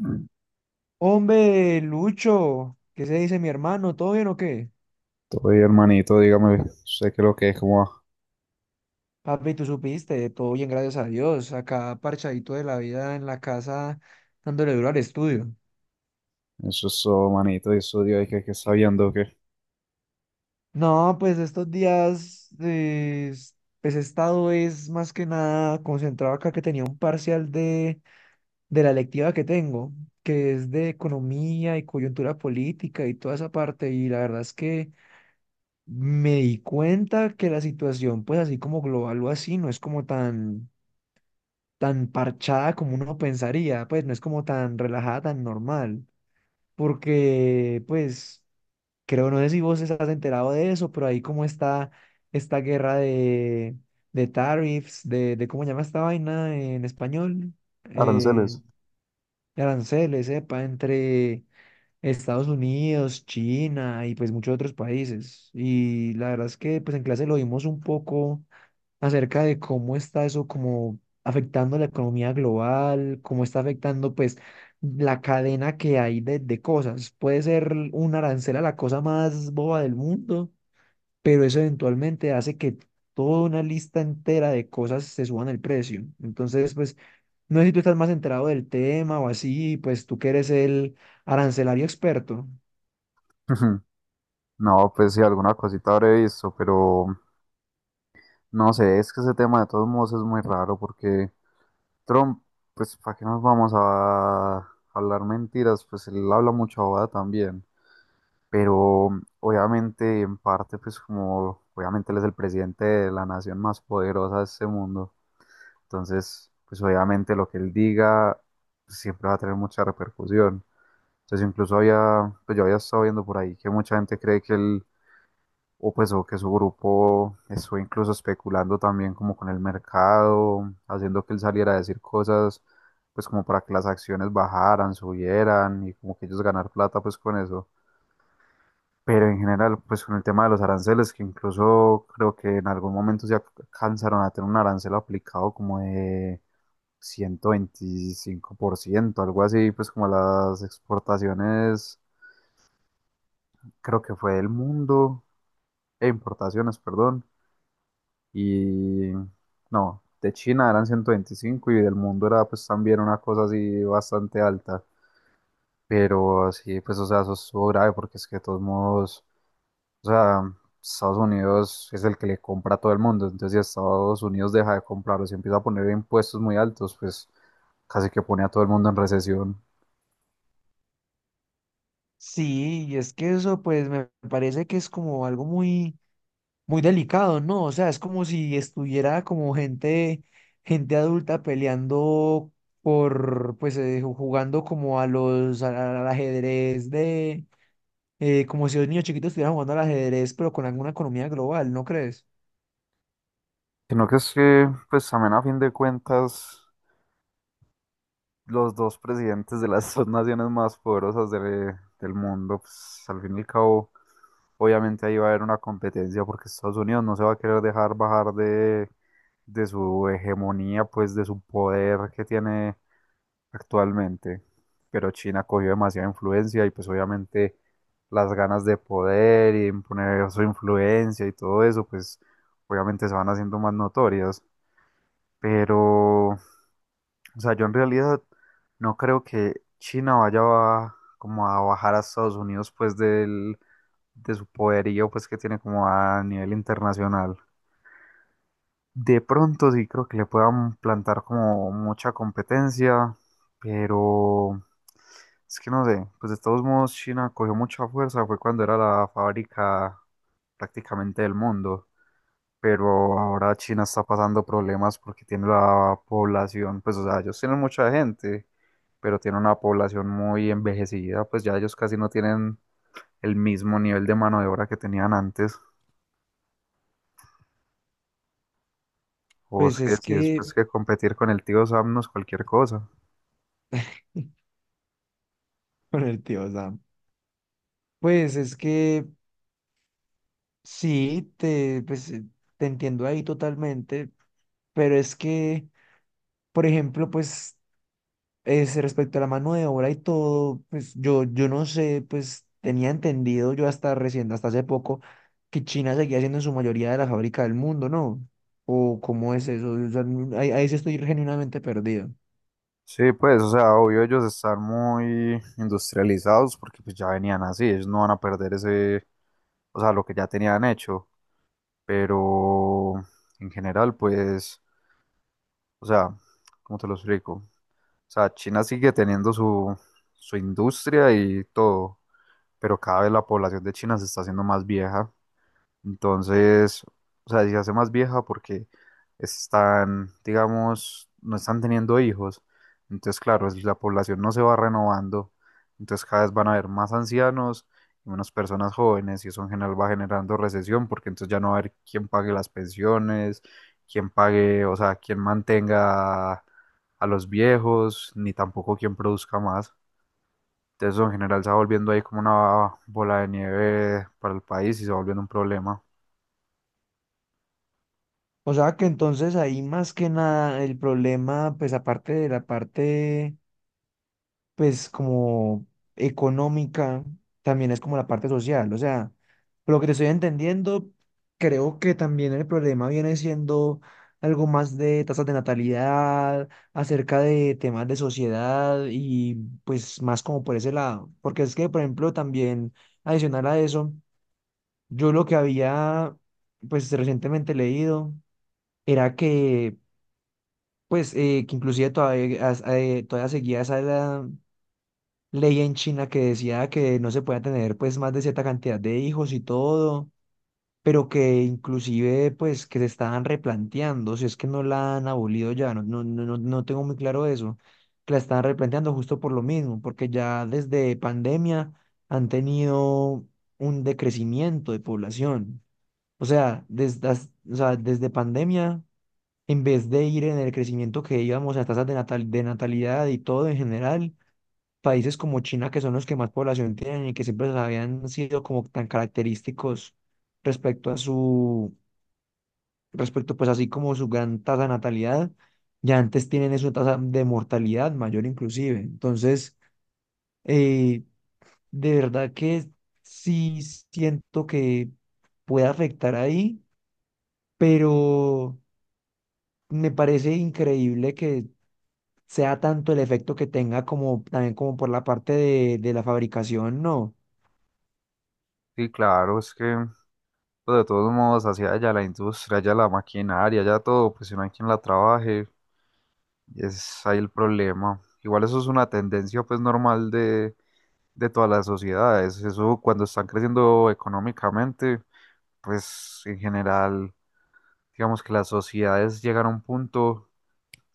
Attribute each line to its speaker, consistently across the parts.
Speaker 1: Mm.
Speaker 2: Hombre, Lucho, ¿qué se dice mi hermano? ¿Todo bien o qué?
Speaker 1: Todo bien, hermanito, dígame, sé que lo que es como
Speaker 2: Papi, tú supiste, todo bien, gracias a Dios. Acá parchadito de la vida en la casa, dándole duro al estudio.
Speaker 1: eso, eso, manito, y eso, Dios, que está viendo que
Speaker 2: No, pues estos días, pues he estado es más que nada concentrado acá que tenía un parcial de la electiva que tengo, que es de economía y coyuntura política y toda esa parte. Y la verdad es que me di cuenta que la situación, pues así como global o así, no es como tan tan parchada como uno pensaría, pues no es como tan relajada, tan normal, porque pues creo, no sé si vos estás enterado de eso, pero ahí como está esta guerra de tariffs, de cómo se llama esta vaina en español, eh,
Speaker 1: aranceles.
Speaker 2: de aranceles, sepa, entre Estados Unidos, China y pues muchos otros países. Y la verdad es que pues en clase lo vimos un poco acerca de cómo está eso como afectando la economía global, cómo está afectando pues la cadena que hay de cosas. Puede ser un arancel a la cosa más boba del mundo, pero eso eventualmente hace que toda una lista entera de cosas se suban el precio. Entonces, pues, no sé si tú estás más enterado del tema o así, pues tú que eres el arancelario experto.
Speaker 1: Ujú. No, pues sí, alguna cosita habré visto, pero no sé, es que ese tema de todos modos es muy raro porque Trump, pues, ¿para qué nos vamos a hablar mentiras? Pues él habla mucha bobada también, pero obviamente, en parte, pues, como obviamente él es el presidente de la nación más poderosa de este mundo. Entonces, pues obviamente lo que él diga siempre va a tener mucha repercusión. Entonces, incluso había, pues yo había estado viendo por ahí que mucha gente cree que él, o pues, o que su grupo estuvo incluso especulando también como con el mercado, haciendo que él saliera a decir cosas, pues como para que las acciones bajaran, subieran y como que ellos ganar plata pues con eso. Pero en general, pues con el tema de los aranceles, que incluso creo que en algún momento se alcanzaron a tener un arancel aplicado como de 125% algo así, pues como las exportaciones, creo que fue del mundo, e importaciones, perdón, y no, de China eran 125 y del mundo era pues también una cosa así bastante alta, pero sí, pues o sea, eso estuvo grave porque es que de todos modos, o sea, Estados Unidos es el que le compra a todo el mundo, entonces si Estados Unidos deja de comprarlos y empieza a poner impuestos muy altos, pues casi que pone a todo el mundo en recesión.
Speaker 2: Sí, y es que eso pues me parece que es como algo muy muy delicado, ¿no? O sea, es como si estuviera como gente adulta peleando por, pues, jugando como a al ajedrez de, como si los niños chiquitos estuvieran jugando al ajedrez, pero con alguna economía global, ¿no crees?
Speaker 1: Sino que es que, pues también a fin de cuentas, los dos presidentes de las dos naciones más poderosas del mundo, pues al fin y al cabo, obviamente ahí va a haber una competencia porque Estados Unidos no se va a querer dejar bajar de su hegemonía, pues de su poder que tiene actualmente. Pero China cogió demasiada influencia y pues obviamente las ganas de poder y imponer su influencia y todo eso, pues obviamente se van haciendo más notorias. Pero, o sea, yo en realidad no creo que China como a bajar a Estados Unidos pues de su poderío pues que tiene como a nivel internacional. De pronto sí creo que le puedan plantar como mucha competencia, pero es que no sé, pues de todos modos China cogió mucha fuerza, fue cuando era la fábrica prácticamente del mundo pero ahora China está pasando problemas porque tiene la población, pues o sea, ellos tienen mucha gente, pero tienen una población muy envejecida, pues ya ellos casi no tienen el mismo nivel de mano de obra que tenían antes. O es
Speaker 2: Pues
Speaker 1: que
Speaker 2: es
Speaker 1: si
Speaker 2: que,
Speaker 1: después que competir con el tío Sam no es cualquier cosa.
Speaker 2: con el tío Sam, pues es que sí, te entiendo ahí totalmente, pero es que... Por ejemplo, pues es respecto a la mano de obra y todo, pues yo no sé, pues tenía entendido yo hasta recién, hasta hace poco, que China seguía siendo en su mayoría de la fábrica del mundo, ¿no? ¿O cómo es eso? O sea, ahí sí estoy genuinamente perdido.
Speaker 1: Sí, pues, o sea, obvio ellos están muy industrializados porque pues ya venían así, ellos no van a perder ese, o sea, lo que ya tenían hecho, pero en general, pues, o sea, ¿cómo te lo explico? O sea, China sigue teniendo su industria y todo, pero cada vez la población de China se está haciendo más vieja. Entonces, o sea, si se hace más vieja porque están, digamos, no están teniendo hijos. Entonces, claro, la población no se va renovando. Entonces, cada vez van a haber más ancianos y menos personas jóvenes y eso en general va generando recesión porque entonces ya no va a haber quién pague las pensiones, quién pague, o sea, quién mantenga a los viejos, ni tampoco quién produzca más. Entonces, eso en general se va volviendo ahí como una bola de nieve para el país y se va volviendo un problema.
Speaker 2: O sea que entonces ahí más que nada el problema, pues aparte de la parte pues como económica, también es como la parte social. O sea, por lo que te estoy entendiendo, creo que también el problema viene siendo algo más de tasas de natalidad, acerca de temas de sociedad y pues más como por ese lado. Porque es que, por ejemplo, también adicional a eso, yo lo que había pues recientemente leído era que pues que inclusive todavía seguía esa, edad ley en China que decía que no se podía tener pues más de cierta cantidad de hijos y todo, pero que inclusive pues que se estaban replanteando, si es que no la han abolido ya, no, no, no, no tengo muy claro eso, que la estaban replanteando justo por lo mismo, porque ya desde pandemia han tenido un decrecimiento de población. O sea, o sea, desde pandemia, en vez de ir en el crecimiento que íbamos a tasas de natalidad y todo en general, países como China, que son los que más población tienen y que siempre habían sido como tan característicos respecto a su, respecto pues así como su gran tasa de natalidad, ya antes tienen eso, tasa de mortalidad mayor inclusive. Entonces, eh, de verdad que sí siento que puede afectar ahí, pero me parece increíble que sea tanto el efecto que tenga como también como por la parte de la fabricación, ¿no?
Speaker 1: Sí, claro, es que pues, de todos modos hacia allá la industria, allá la maquinaria, allá todo, pues si no hay quien la trabaje, es ahí el problema. Igual eso es una tendencia pues normal de todas las sociedades, eso cuando están creciendo económicamente, pues en general, digamos que las sociedades llegan a un punto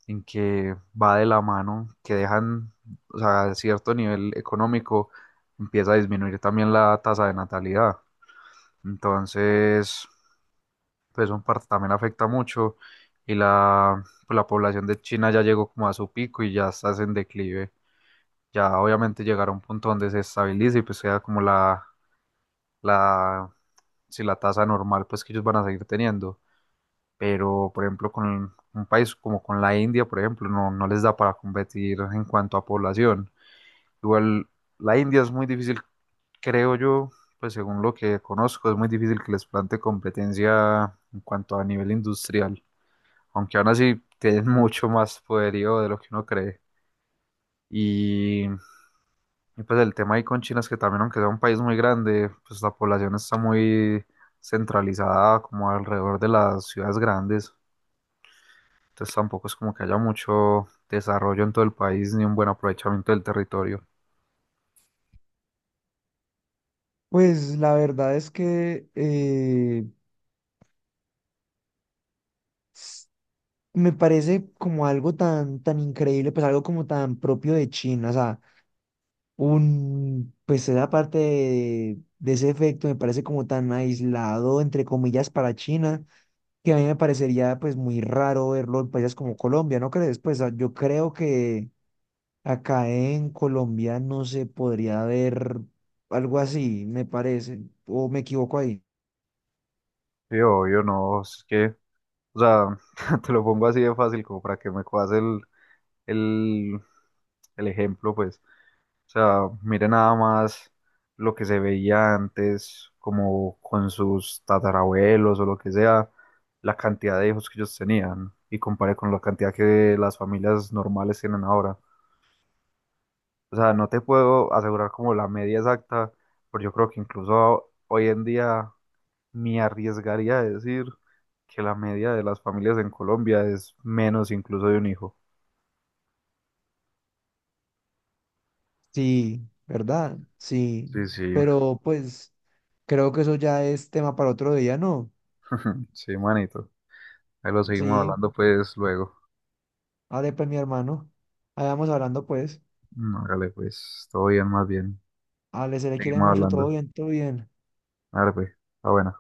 Speaker 1: en que va de la mano, que dejan, o sea, cierto nivel económico empieza a disminuir también la tasa de natalidad. Entonces, pues son parte también afecta mucho y la, pues, la población de China ya llegó como a su pico y ya está en declive. Ya obviamente llegará a un punto donde se estabilice y pues sea como la, si la tasa normal pues que ellos van a seguir teniendo. Pero por ejemplo con un país como con la India, por ejemplo, no, no les da para competir en cuanto a población. Igual la India es muy difícil, creo yo, pues según lo que conozco, es muy difícil que les plante competencia en cuanto a nivel industrial. Aunque aún así tienen mucho más poderío de lo que uno cree. Y, pues el tema ahí con China es que también, aunque sea un país muy grande, pues la población está muy centralizada como alrededor de las ciudades grandes. Entonces tampoco es como que haya mucho desarrollo en todo el país ni un buen aprovechamiento del territorio.
Speaker 2: Pues la verdad es que s- me parece como algo tan increíble, pues algo como tan propio de China, o sea, pues esa parte de ese efecto me parece como tan aislado, entre comillas, para China, que a mí me parecería pues muy raro verlo en países como Colombia, ¿no crees? Pues ah, yo creo que acá en Colombia no se podría ver algo así, me parece, o me equivoco ahí.
Speaker 1: Sí, obvio, no, es que, o sea, te lo pongo así de fácil como para que me cojas el, el ejemplo, pues. O sea, mire nada más lo que se veía antes, como con sus tatarabuelos o lo que sea, la cantidad de hijos que ellos tenían y compare con la cantidad que las familias normales tienen ahora. O sea, no te puedo asegurar como la media exacta, pero yo creo que incluso hoy en día me arriesgaría a decir que la media de las familias en Colombia es menos incluso de un hijo.
Speaker 2: Sí, ¿verdad? Sí,
Speaker 1: Sí, sí,
Speaker 2: pero pues creo que eso ya es tema para otro día, ¿no?
Speaker 1: sí, manito. Ahí lo seguimos
Speaker 2: Sí,
Speaker 1: hablando pues luego.
Speaker 2: vale, pues mi hermano, ahí vamos hablando pues,
Speaker 1: No, hágale, pues, todo bien, más bien.
Speaker 2: ale, se le quiere
Speaker 1: Seguimos
Speaker 2: mucho, todo
Speaker 1: hablando.
Speaker 2: bien, todo bien.
Speaker 1: Hágale, pues, está buena.